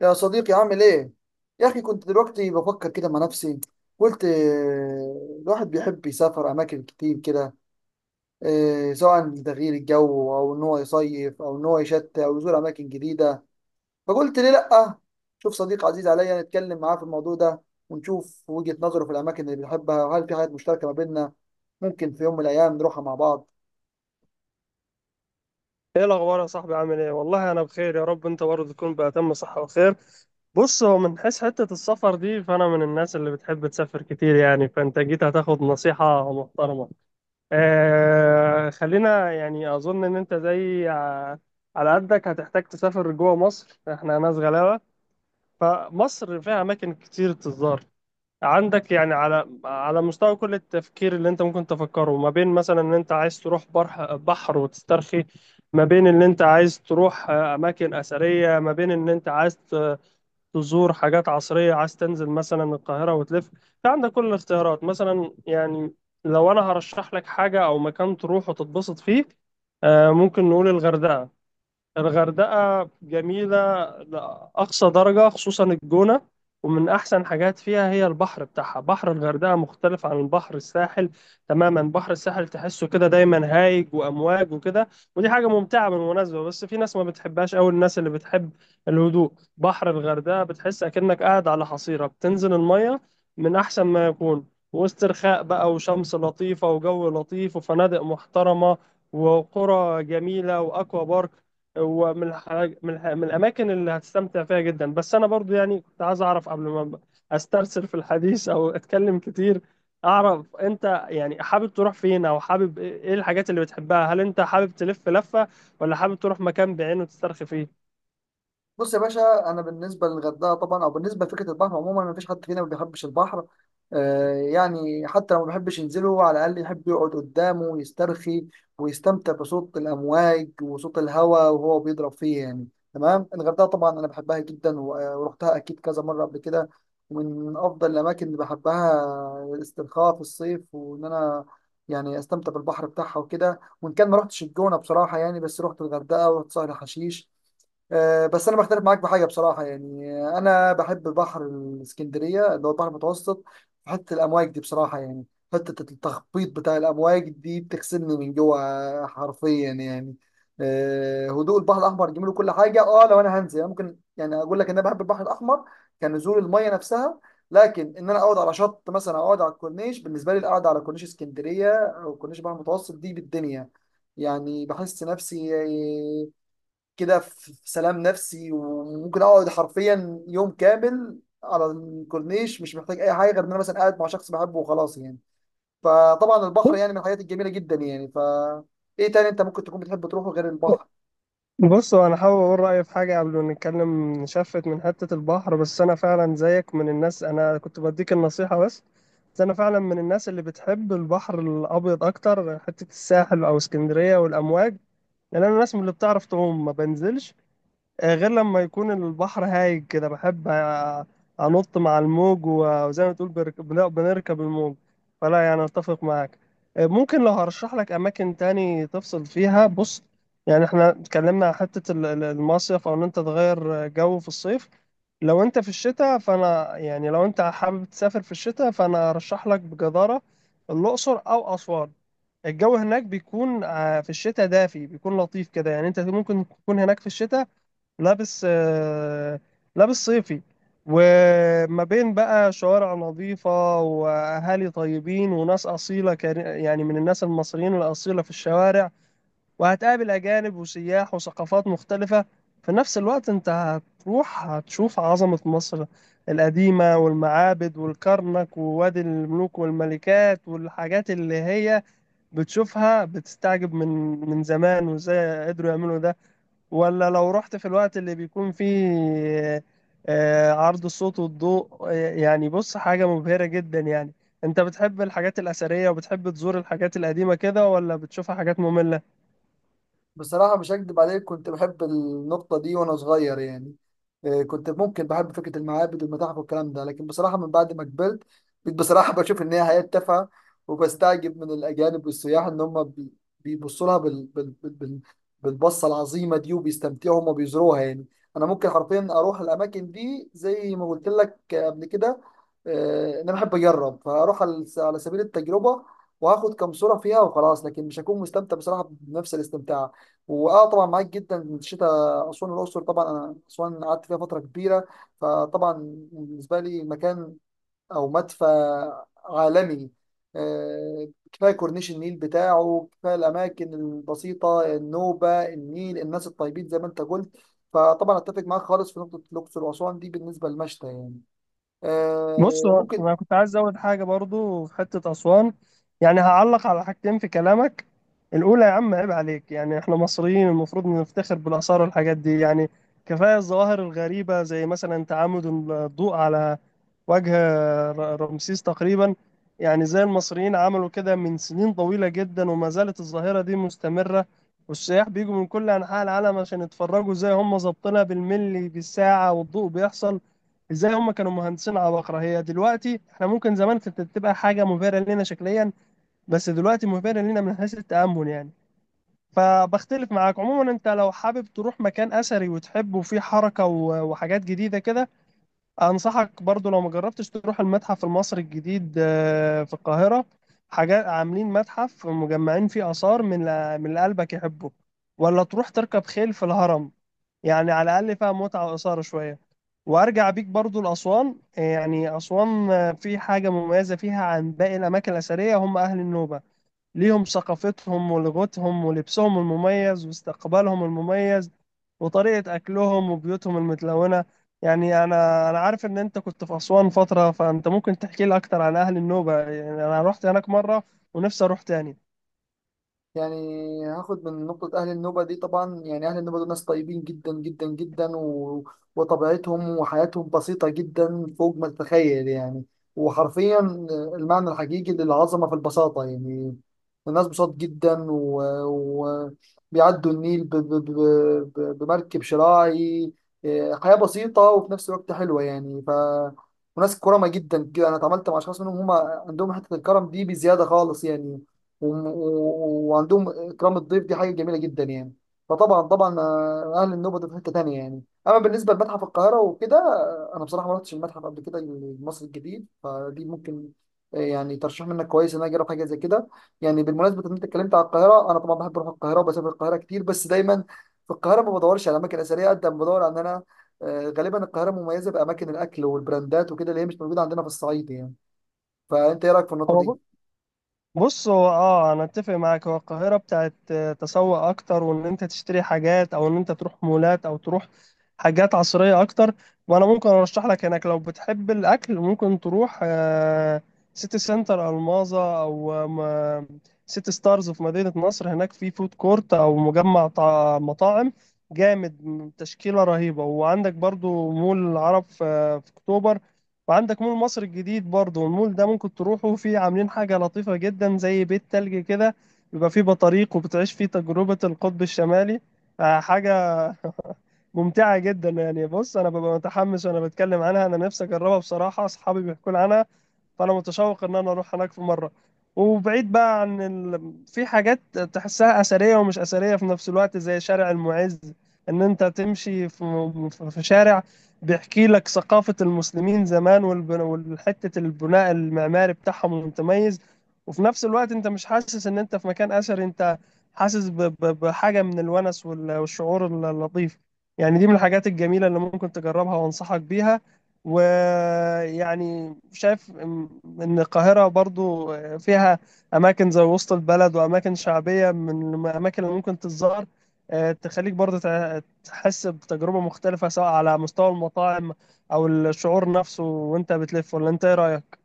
يا صديقي، عامل ايه؟ يا اخي، كنت دلوقتي بفكر كده مع نفسي. قلت الواحد بيحب يسافر اماكن كتير كده. سواء لتغيير الجو او ان هو يصيف او ان هو يشتي او يزور اماكن جديدة. فقلت ليه لأ؟ شوف، صديق عزيز عليا نتكلم معاه في الموضوع ده ونشوف وجهة نظره في الاماكن اللي بيحبها، وهل في حاجات مشتركة ما بيننا ممكن في يوم من الايام نروحها مع بعض. ايه الاخبار يا صاحبي؟ عامل ايه؟ والله انا بخير، يا رب انت برضه تكون بأتم صحة وخير. بص، هو من حيث حتة السفر دي، فانا من الناس اللي بتحب تسافر كتير يعني، فانت جيت هتاخد نصيحة محترمة. خلينا يعني اظن ان انت على قدك هتحتاج تسافر جوه مصر، احنا ناس غلابة. فمصر فيها اماكن كتير تزار. عندك يعني على مستوى كل التفكير اللي انت ممكن تفكره، ما بين مثلا ان انت عايز تروح برح بحر وتسترخي، ما بين ان انت عايز تروح، اماكن اثريه، ما بين ان انت تزور حاجات عصريه، عايز تنزل مثلا القاهره وتلف. في عندك كل الاختيارات مثلا يعني. لو انا هرشح لك حاجه او مكان تروح وتتبسط فيه، ممكن نقول الغردقه. الغردقة جميلة لأقصى درجة، خصوصا الجونة. ومن أحسن حاجات فيها هي البحر بتاعها. بحر الغردقة مختلف عن البحر الساحل تماما. بحر الساحل تحسه كده دايما هايج وأمواج وكده، ودي حاجة ممتعة بالمناسبة، بس في ناس ما بتحبهاش أوي. الناس اللي بتحب الهدوء، بحر الغردقة بتحس أكنك قاعد على حصيرة بتنزل المية، من أحسن ما يكون. واسترخاء بقى وشمس لطيفة وجو لطيف وفنادق محترمة وقرى جميلة وأكوا بارك. هو من من الاماكن اللي هتستمتع فيها جدا. بس انا برضو يعني كنت عايز اعرف، قبل ما استرسل في الحديث او اتكلم كتير، اعرف انت يعني حابب تروح فين، او حابب ايه، إيه الحاجات اللي بتحبها؟ هل انت حابب تلف لفة، ولا حابب تروح مكان بعينه تسترخي فيه؟ بص يا باشا، انا بالنسبه للغردقه طبعا او بالنسبه لفكره البحر عموما، ما فيش حد فينا ما بيحبش البحر. آه يعني، حتى لو ما بيحبش ينزله، على الاقل يحب يقعد قدامه ويسترخي ويستمتع بصوت الامواج وصوت الهواء وهو بيضرب فيه يعني. تمام. الغردقه طبعا انا بحبها جدا ورحتها اكيد كذا مره قبل كده، ومن افضل الاماكن اللي بحبها الاسترخاء في الصيف وان انا يعني استمتع بالبحر بتاعها وكده. وان كان ما رحتش الجونه بصراحه يعني، بس رحت الغردقه ورحت سهل حشيش. بس انا بختلف معاك بحاجه بصراحه يعني، انا بحب بحر الاسكندريه اللي هو البحر المتوسط. في حته الامواج دي بصراحه يعني، حته التخبيط بتاع الامواج دي بتغسلني من جوه حرفيا يعني. هدوء البحر الاحمر جميل وكل حاجه. اه، لو انا هنزل يعني، ممكن يعني اقول لك ان انا بحب البحر الاحمر كنزول الميه نفسها. لكن ان انا اقعد على شط مثلا او اقعد على الكورنيش، بالنسبه لي القعده على كورنيش اسكندريه او كورنيش البحر المتوسط دي بالدنيا يعني. بحس نفسي كده في سلام نفسي، وممكن اقعد حرفيا يوم كامل على الكورنيش، مش محتاج اي حاجه غير ان انا مثلا قاعد مع شخص بحبه وخلاص يعني. فطبعا البحر يعني من الحاجات الجميله جدا يعني، ف ايه تاني انت ممكن تكون بتحب تروحه غير البحر؟ بص، هو انا حابب اقول رايي في حاجه قبل ما نتكلم نشفت من حته البحر. بس انا فعلا زيك من الناس، انا كنت بديك النصيحه بس. بس انا فعلا من الناس اللي بتحب البحر الابيض اكتر، حته الساحل او اسكندريه والامواج. لان انا ناس من اللي بتعرف تعوم ما بنزلش، غير لما يكون البحر هايج كده بحب، أنط مع الموج وزي ما تقول بنركب الموج. فلا يعني أتفق معاك. ممكن لو هرشح لك أماكن تاني تفصل فيها. بص، يعني احنا اتكلمنا عن حتة المصيف، أو إن أنت تغير جو في الصيف. لو أنت في الشتاء فأنا يعني، لو أنت حابب تسافر في الشتاء فأنا أرشح لك بجدارة الأقصر أو أسوان. الجو هناك بيكون، في الشتاء، دافي، بيكون لطيف كده، يعني أنت ممكن تكون هناك في الشتاء لابس، لابس صيفي. وما بين بقى شوارع نظيفة وأهالي طيبين وناس أصيلة، يعني من الناس المصريين الأصيلة في الشوارع، وهتقابل أجانب وسياح وثقافات مختلفة. في نفس الوقت أنت هتروح هتشوف عظمة مصر القديمة والمعابد والكرنك ووادي الملوك والملكات، والحاجات اللي هي بتشوفها بتستعجب من من زمان وإزاي قدروا يعملوا ده. ولا لو رحت في الوقت اللي بيكون فيه، عرض الصوت والضوء، يعني بص، حاجة مبهرة جدا يعني. انت بتحب الحاجات الأثرية وبتحب تزور الحاجات القديمة كده، ولا بتشوفها حاجات مملة؟ بصراحة مش هكدب عليك، كنت بحب النقطة دي وأنا صغير يعني. كنت ممكن بحب فكرة المعابد والمتاحف والكلام ده، لكن بصراحة من بعد ما كبرت بقيت بصراحة بشوف إن هي حياة تافهة. وبستعجب من الأجانب والسياح إن هم بيبصوا لها بالبصة العظيمة دي، وبيستمتعوا هم بيزوروها يعني. أنا ممكن حرفيا أروح الأماكن دي زي ما قلت لك قبل كده، إن أنا بحب أجرب فأروح على سبيل التجربة وهاخد كام صورة فيها وخلاص، لكن مش هكون مستمتع بصراحة بنفس الاستمتاع. واه، طبعا معاك جدا، الشتاء اسوان الاقصر. طبعا انا اسوان قعدت فيها فتره كبيره. فطبعا بالنسبه لي مكان او مدفع عالمي، كفايه كورنيش النيل بتاعه، كفايه الاماكن البسيطه، النوبه النيل الناس الطيبين زي ما انت قلت. فطبعا اتفق معاك خالص في نقطه الاقصر واسوان دي بالنسبه للمشتى يعني. بص، هو ممكن. انا كنت عايز ازود حاجه برضو في حته اسوان. يعني هعلق على حاجتين في كلامك. الاولى، يا عم عيب عليك، يعني احنا مصريين المفروض نفتخر بالاثار والحاجات دي يعني. كفايه الظواهر الغريبه، زي مثلا تعامد الضوء على وجه رمسيس تقريبا، يعني زي المصريين عملوا كده من سنين طويله جدا وما زالت الظاهره دي مستمره. والسياح بيجوا من كل انحاء العالم عشان يتفرجوا، زي هم ظابطينها بالملي بالساعه والضوء بيحصل ازاي. هم كانوا مهندسين عباقرة. هي دلوقتي احنا ممكن، زمان كانت تبقى حاجة مبهرة لنا شكليا، بس دلوقتي مبهرة لنا من حيث التأمل يعني. فبختلف معاك عموما. انت لو حابب تروح مكان اثري وتحبه وفيه حركة وحاجات جديدة كده، انصحك برضو لو ما جربتش تروح المتحف المصري الجديد، في القاهرة. حاجات عاملين متحف مجمعين فيه آثار من من اللي قلبك يحبه. ولا تروح تركب خيل في الهرم، يعني على الأقل فيها متعة وإثارة شوية. وأرجع بيك برضو لأسوان. يعني أسوان، في حاجة مميزة فيها عن باقي الأماكن الأثرية، هم أهل النوبة. ليهم ثقافتهم ولغتهم ولبسهم المميز واستقبالهم المميز وطريقة أكلهم وبيوتهم المتلونة. يعني أنا عارف إن أنت كنت في أسوان فترة، فأنت ممكن تحكي لي أكتر عن أهل النوبة. يعني أنا رحت هناك مرة ونفسي أروح تاني. يعني هاخد من نقطة أهل النوبة دي. طبعا يعني أهل النوبة دول ناس طيبين جدا جدا جدا، وطبيعتهم وحياتهم بسيطة جدا فوق ما تتخيل يعني. وحرفيا المعنى الحقيقي للعظمة في البساطة يعني. الناس بساط جدا، وبيعدوا و... و- بيعدوا النيل بمركب شراعي. إيه، حياة بسيطة وفي نفس الوقت حلوة يعني. ف وناس كرمة جدا كده، أنا اتعاملت مع أشخاص منهم، هم عندهم حتة الكرم دي بزيادة خالص يعني. وعندهم اكرام الضيف دي حاجه جميله جدا يعني. فطبعا طبعا، اهل النوبه دول في حته تانيه يعني. اما بالنسبه لمتحف القاهره وكده، انا بصراحه ما رحتش المتحف قبل كده المصري الجديد، فدي ممكن يعني ترشيح منك كويس ان انا اجرب حاجه زي كده. يعني بالمناسبه ان انت اتكلمت على القاهره، انا طبعا بحب اروح القاهره وبسافر القاهره كتير، بس دايما في القاهره ما بدورش على اماكن اثريه قد ما بدور على ان انا غالبا القاهره مميزه باماكن الاكل والبراندات وكده اللي هي مش موجوده عندنا في الصعيد يعني. فانت ايه رايك في النقطه دي؟ هو بص، هو اه انا اتفق معاك. هو القاهره بتاعت، تسوق اكتر، وان انت تشتري حاجات، او ان انت تروح مولات، او تروح حاجات عصريه اكتر. وانا ممكن ارشح لك هناك لو بتحب الاكل ممكن تروح، سيتي سنتر الماظة، او م- سيتي ستارز في مدينه نصر. هناك في فود كورت او مجمع مطاعم جامد، تشكيله رهيبه. وعندك برضو مول العرب في اكتوبر، وعندك مول مصر الجديد برضو. المول ده ممكن تروحوا فيه، عاملين حاجة لطيفة جدا زي بيت تلج كده، بيبقى فيه بطاريق وبتعيش فيه تجربة القطب الشمالي. حاجة ممتعة جدا يعني. بص، أنا ببقى متحمس وأنا بتكلم عنها. أنا نفسي أجربها بصراحة، أصحابي بيحكوا لي عنها، فانا متشوق ان انا اروح هناك في مره. وبعيد بقى عن ال، في حاجات تحسها اثريه ومش اثريه في نفس الوقت، زي شارع المعز. ان انت تمشي في شارع بيحكي لك ثقافه المسلمين زمان، والبن، والحته البناء المعماري بتاعهم المتميز، وفي نفس الوقت انت مش حاسس ان انت في مكان اثري. انت حاسس ب... ب... بحاجه من الونس وال... والشعور اللطيف يعني. دي من الحاجات الجميله اللي ممكن تجربها وانصحك بيها. ويعني شايف ان القاهرة برضو فيها اماكن زي وسط البلد واماكن شعبية، من الاماكن اللي ممكن تتزار، تخليك برضو تحس بتجربة مختلفة، سواء على مستوى المطاعم او الشعور نفسه وانت بتلف. ولا انت ايه رأيك؟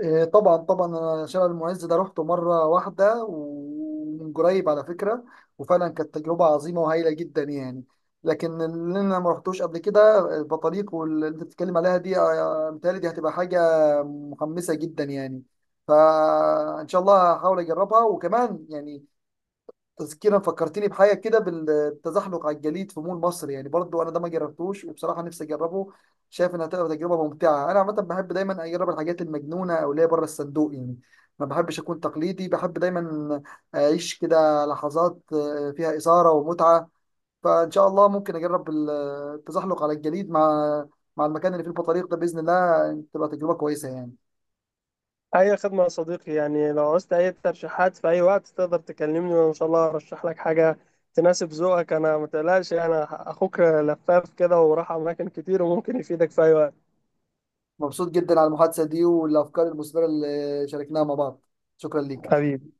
إيه، طبعا طبعا، انا شارع المعز ده روحته مره واحده ومن قريب على فكره. وفعلا كانت تجربه عظيمه وهايله جدا يعني. لكن اللي انا ما رحتوش قبل كده البطاريق واللي انت بتتكلم عليها دي، متهيألي دي هتبقى حاجه محمسه جدا يعني. فان شاء الله هحاول اجربها. وكمان يعني تذكيرا فكرتني بحاجه كده، بالتزحلق على الجليد في مول مصر. يعني برضو انا ده ما جربتوش وبصراحه نفسي اجربه. شايف انها تبقى تجربه ممتعه. انا عامه بحب دايما اجرب الحاجات المجنونه او اللي هي بره الصندوق يعني، ما بحبش اكون تقليدي. بحب دايما اعيش كده لحظات فيها اثاره ومتعه. فان شاء الله ممكن اجرب التزحلق على الجليد مع المكان اللي فيه البطاريق ده، باذن الله تبقى تجربه كويسه يعني. اي خدمة يا صديقي. يعني لو عوزت اي ترشيحات في اي وقت تقدر تكلمني، وان شاء الله ارشح لك حاجة تناسب ذوقك. انا، متقلقش، انا اخوك لفاف كده وراح اماكن كتير وممكن يفيدك في اي وقت. مبسوط جدا على المحادثه دي والافكار المثمره اللي شاركناها مع بعض. شكرا ليك. حبيبي.